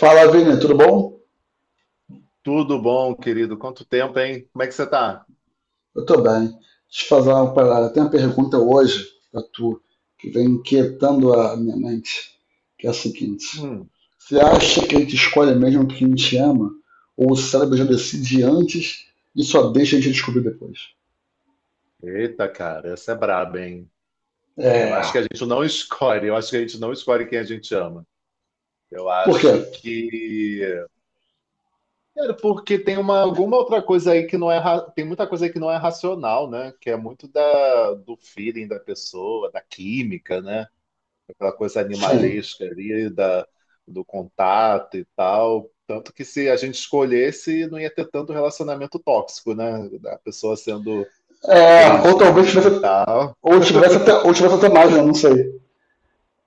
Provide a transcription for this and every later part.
Fala, Vini, tudo bom? Tudo bom, querido? Quanto tempo, hein? Como é que você tá? Eu tô bem. Deixa eu fazer uma parada. Tem uma pergunta hoje pra tu que vem inquietando a minha mente, que é a seguinte: Hum, Você acha que a gente escolhe mesmo o que a gente ama? Ou o cérebro já decide antes e só deixa a gente descobrir depois? Eita, cara, essa é braba, hein? Eu acho É. que a gente não escolhe, eu acho que a gente não escolhe quem a gente ama. Eu Por quê? acho que. Cara, porque tem alguma outra coisa aí que não é. Tem muita coisa aí que não é racional, né? Que é muito do feeling da pessoa, da química, né? Aquela coisa Sim. animalesca ali, da, do contato e tal. Tanto que se a gente escolhesse, não ia ter tanto relacionamento tóxico, né? A pessoa sendo É, ou talvez agredido tivesse, e tal. Ou tivesse até mais, né? Não sei.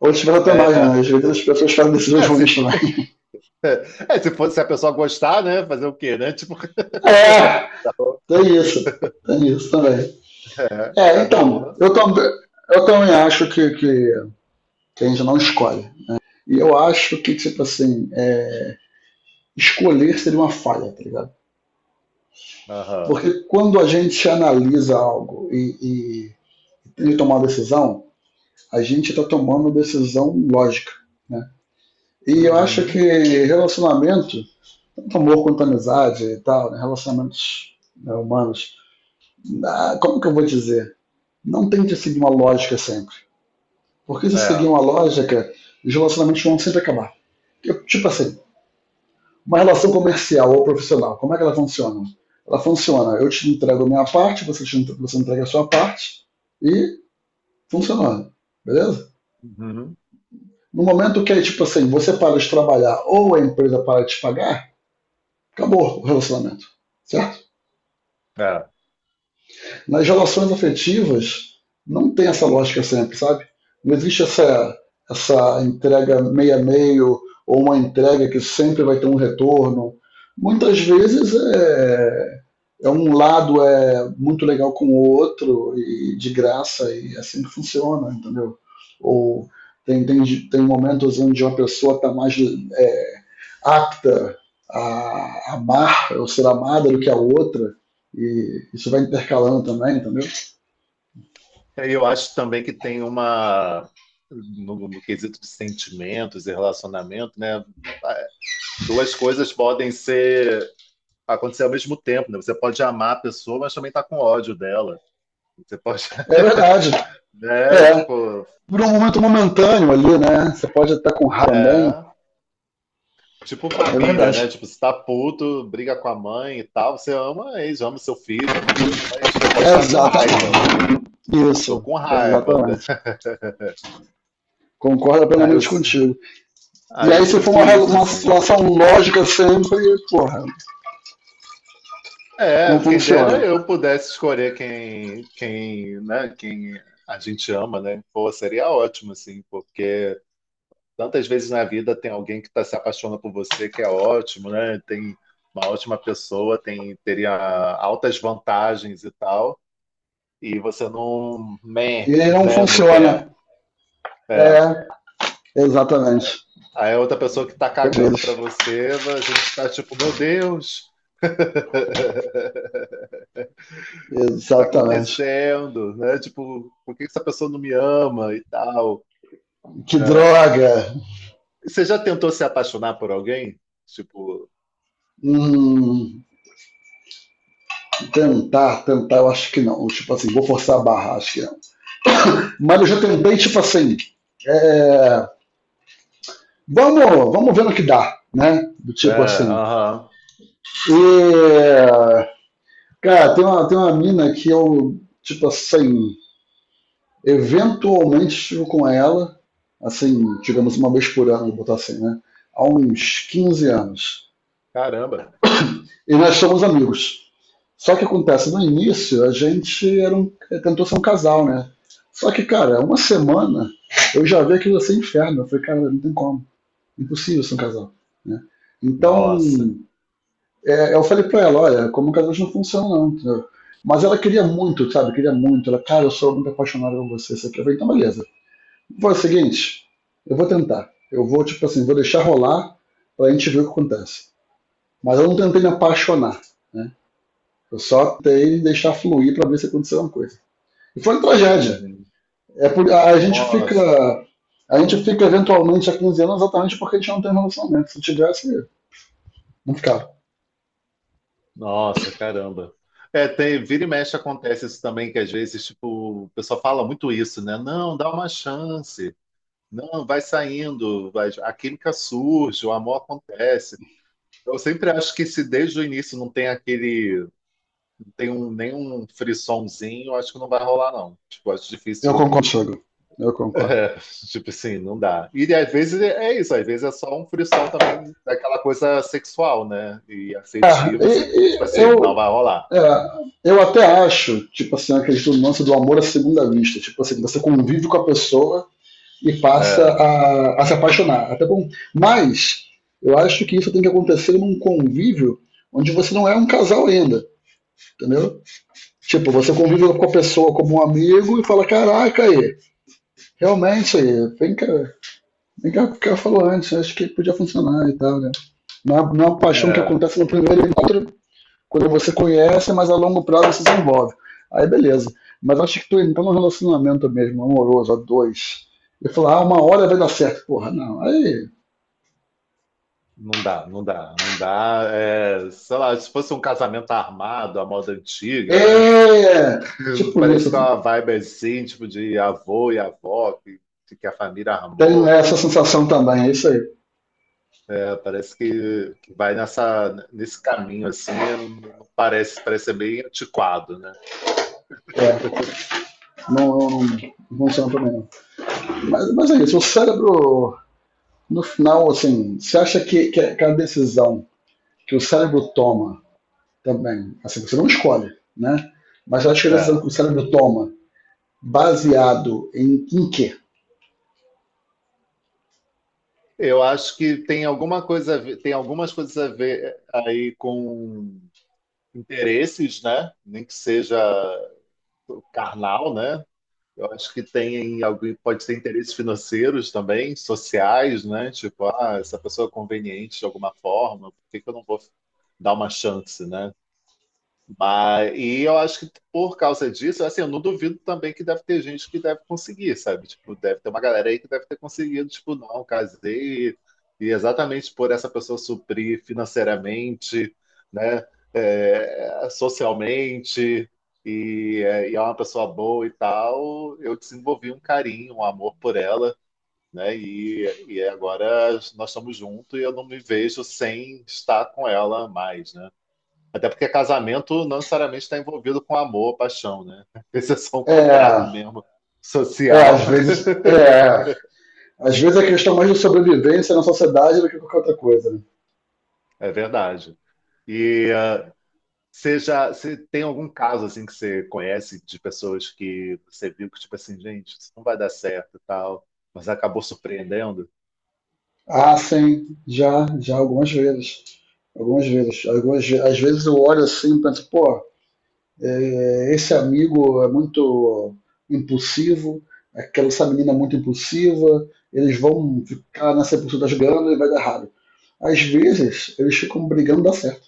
Ou tivesse até É, mais, né? Às vezes as pessoas fazem decisões é, ruins se, também. é, se fosse se a pessoa gostar, né? Fazer o quê, né? Tipo, É, um, tem isso. Tem isso também. É, cada um então, na eu, tam, sua. eu também acho que a gente não escolhe. E eu acho que, tipo assim, escolher seria uma falha, tá ligado? Aham. Porque quando a gente analisa algo e tem que tomar uma decisão, a gente está tomando decisão lógica, né? E eu acho que Uhum. relacionamento, tanto amor quanto amizade e tal, né? Relacionamentos, né, humanos, ah, como que eu vou dizer? Não tem que seguir uma lógica sempre. Porque se seguir É. uma lógica, os relacionamentos vão sempre acabar. Tipo assim, uma relação comercial ou profissional, como é que ela funciona? Ela funciona, eu te entrego a minha parte, você entrega a sua parte e funcionando, beleza? Uhum. No momento que, é, tipo assim, você para de trabalhar ou a empresa para de te pagar, acabou o relacionamento, certo? É. Nas relações afetivas, não tem essa lógica sempre, sabe? Não existe essa entrega meio a meio ou uma entrega que sempre vai ter um retorno. Muitas vezes é um lado é muito legal com o outro e de graça e é assim que funciona, entendeu? Ou tem momentos onde uma pessoa está mais apta a amar ou ser amada do que a outra e isso vai intercalando também, entendeu? E eu acho também que tem no quesito de sentimentos e relacionamento, né? é, Duas coisas podem ser acontecer ao mesmo tempo, né? Você pode amar a pessoa, mas também tá com ódio dela. Você pode, É verdade. né? É. Tipo, Por um momento momentâneo ali, né? Você pode estar com raiva também. é. Tipo É família, verdade. né? Tipo, você tá puto, briga com a mãe e tal. Você ama a ex, ama o seu filho, ama coisa, mas você pode estar com raiva. Exatamente. Tô Isso. com É, raiva. Exatamente. Concordo Aí eu, plenamente contigo. E aí eu aí, se for sinto isso, uma assim. situação lógica sempre, porra, não É, quem funciona. dera eu pudesse escolher quem, né? Quem a gente ama, né? Pô, seria ótimo, assim, porque tantas vezes na vida tem alguém que tá se apaixonando por você, que é ótimo, né? Tem uma ótima pessoa, teria altas vantagens e tal. E você não, meh, E não né, não funciona. quer. É. É, exatamente. Aí a outra pessoa que tá Com cagando pra eles. você, a gente tá tipo, meu Deus, o que tá Exatamente. acontecendo, né? Tipo, por que essa pessoa não me ama e tal? Que É. droga! Você já tentou se apaixonar por alguém? Tipo, Hum, tentar, eu acho que não. Tipo assim, vou forçar a barra, acho que não. é, Mas eu já tentei, tipo assim, é, vamos, vamos ver no que dá, né? Do é, tipo assim. aham, E, cara, tem uma mina que eu, tipo assim, eventualmente estive com ela, assim, digamos uma vez por ano, vou botar assim, né? Há uns 15 anos. caramba, E nós somos amigos. Só que acontece, no início a gente era um, tentou ser um casal, né? Só que, cara, uma semana eu já vi aquilo assim inferno. Eu falei, cara, não tem como. Impossível ser um casal. Né? Então, nossa, é, eu falei para ela, olha, como um casal não funciona não, entendeu? Mas ela queria muito, sabe? Queria muito. Ela, cara, eu sou muito apaixonada por você. Você quer ver? Então, beleza. Foi o seguinte, eu vou tentar. Eu vou, tipo assim, vou deixar rolar pra gente ver o que acontece. Mas eu não tentei me apaixonar, né? Eu só tentei deixar fluir pra ver se aconteceu alguma coisa. E foi uma tragédia. uhum. A gente Nossa, fica... A gente fica eventualmente há 15 anos exatamente porque a gente não tem relacionamento. Se tivesse, não ficava. nossa, caramba. É, vira e mexe acontece isso também, que às vezes, tipo, o pessoal fala muito isso, né? Não, dá uma chance. Não, vai saindo, vai, a química surge, o amor acontece. Eu sempre acho que se desde o início não tem aquele, não tem nenhum frissonzinho, eu acho que não vai rolar, não. Tipo, acho Eu difícil, concordo, Sogro. Eu concordo. é, tipo assim, não dá. E às vezes é isso, às vezes é só um frisson também daquela coisa sexual, né? E É, afetiva, você tem que, tipo e, e assim, não eu, vai rolar. é, eu até acho, tipo assim, acredito no lance do amor à segunda vista. Tipo assim, você convive com a pessoa e É, a se apaixonar. Até bom. Mas eu acho que isso tem que acontecer num convívio onde você não é um casal ainda, entendeu? Tipo, você convive com a pessoa como um amigo e fala, caraca aí, realmente aí, vem cá o que ela falou antes, acho que podia funcionar e tal, né? Não é uma paixão que é, acontece no primeiro encontro, quando você conhece, mas a longo prazo se desenvolve. Aí beleza. Mas acho que tu entra num relacionamento mesmo, amoroso, a dois. E falar, ah, uma hora vai dar certo. Porra, não. Aí. não dá, não dá, não dá. É, sei lá, se fosse um casamento armado, a moda antiga, É! né? Tipo Parece isso. que é uma vibe assim, tipo de avô e avó, que a família Tem armou. essa sensação também, é isso aí. É, parece que vai nesse caminho assim, não parece, parece ser bem antiquado, né? É. Não, funciona também não. Mas é isso. O cérebro, no final, assim, você acha que a decisão que o cérebro toma também, assim, você não escolhe, né? Mas acho que a decisão que É. o cérebro toma, baseado em quê? Eu acho que tem alguma coisa, tem algumas coisas a ver aí com interesses, né? Nem que seja carnal, né? Eu acho que tem alguém pode ter interesses financeiros também, sociais, né? Tipo, ah, essa pessoa é conveniente de alguma forma, por que que eu não vou dar uma chance, né? Mas, e eu acho que por causa disso, assim, eu não duvido também que deve ter gente que deve conseguir, sabe? Tipo, deve ter uma galera aí que deve ter conseguido, tipo, não, casei, e exatamente por essa pessoa suprir financeiramente, né? É, socialmente, e é uma pessoa boa e tal, eu desenvolvi um carinho, um amor por ela, né? E agora nós estamos juntos e eu não me vejo sem estar com ela mais, né? Até porque casamento não necessariamente está envolvido com amor, paixão, né? Esse é só um contrato É, mesmo às social. vezes, às vezes é questão mais de sobrevivência na sociedade do que qualquer outra coisa. Né? É verdade. E ah, você tem algum caso assim que você conhece de pessoas que você viu que tipo assim, gente, isso não vai dar certo e tal, mas acabou surpreendendo? Ah, sim, já algumas vezes. Algumas vezes. Algumas, às vezes eu olho assim e penso, pô, esse amigo é muito impulsivo, aquela essa menina é muito impulsiva, eles vão ficar nessa pulsão das ganas e vai dar errado. Às vezes, eles ficam brigando e dá certo.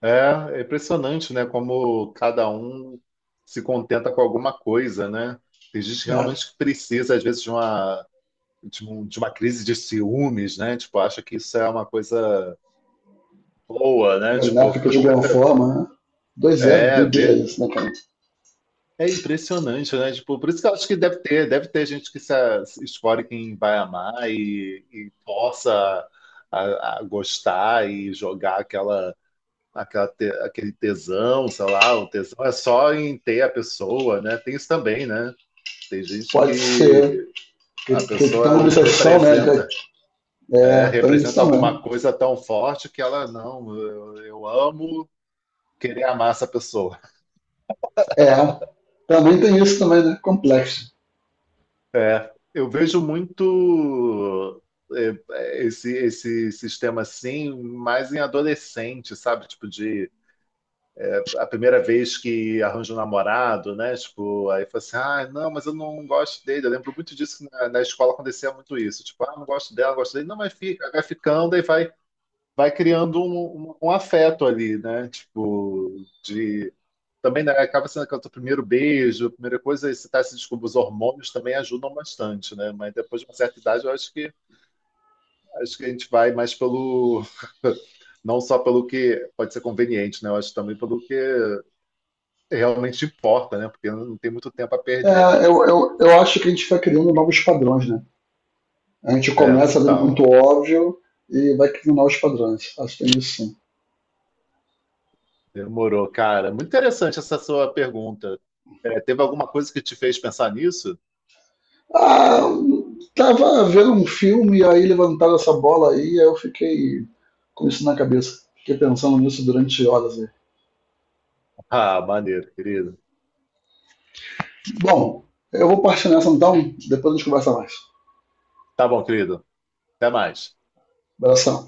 É, é impressionante, né? Como cada um se contenta com alguma coisa, né? Tem gente É. realmente que precisa, às vezes, de uma crise de ciúmes, né? Tipo, acha que isso é uma coisa boa, né? Tipo, Ganáfica de alguma forma, né? 2-0, é, vê- dois, isso, né, cara? é impressionante, né? Tipo, por isso que eu acho que deve ter gente que se escolhe quem vai amar e força a gostar e jogar aquele tesão, sei lá, o tesão é só em ter a pessoa, né? Tem isso também, né? Tem gente Pode que ser a que tem uma pessoa obsessão, né? representa. Né, É, tem isso representa alguma também. coisa tão forte que ela, não, eu amo querer amar essa pessoa. É, também tem isso também, né? Complexo. É, eu vejo muito esse sistema assim, mais em adolescente, sabe? Tipo, de a primeira vez que arranja um namorado, né? Tipo, aí fala assim, ah, não, mas eu não gosto dele. Eu lembro muito disso que na, na escola acontecia muito isso. Tipo, ah, não gosto dela, não gosto dele. Não, mas fica, vai ficando e vai, vai criando um afeto ali, né? Tipo, de também né, acaba sendo que o teu primeiro beijo, a primeira coisa, esse tá se descobrindo, os hormônios também ajudam bastante, né? Mas depois de uma certa idade, eu acho que a gente vai mais pelo não só pelo que pode ser conveniente, né? Eu acho também pelo que realmente importa, né? Porque não tem muito tempo a perder, né? É, eu acho que a gente vai criando novos padrões, né? A gente É, começa vendo muito total. óbvio e vai questionar os padrões. Acho que tem isso sim. Demorou, cara. Muito interessante essa sua pergunta. É, teve alguma coisa que te fez pensar nisso? Ah, tava vendo um filme e aí levantaram essa bola aí, aí eu fiquei com isso na cabeça. Fiquei pensando nisso durante horas aí. Ah, maneiro, querido. Bom, eu vou partir nessa então, depois a gente conversa mais. Tá bom, querido. Até mais. Abração.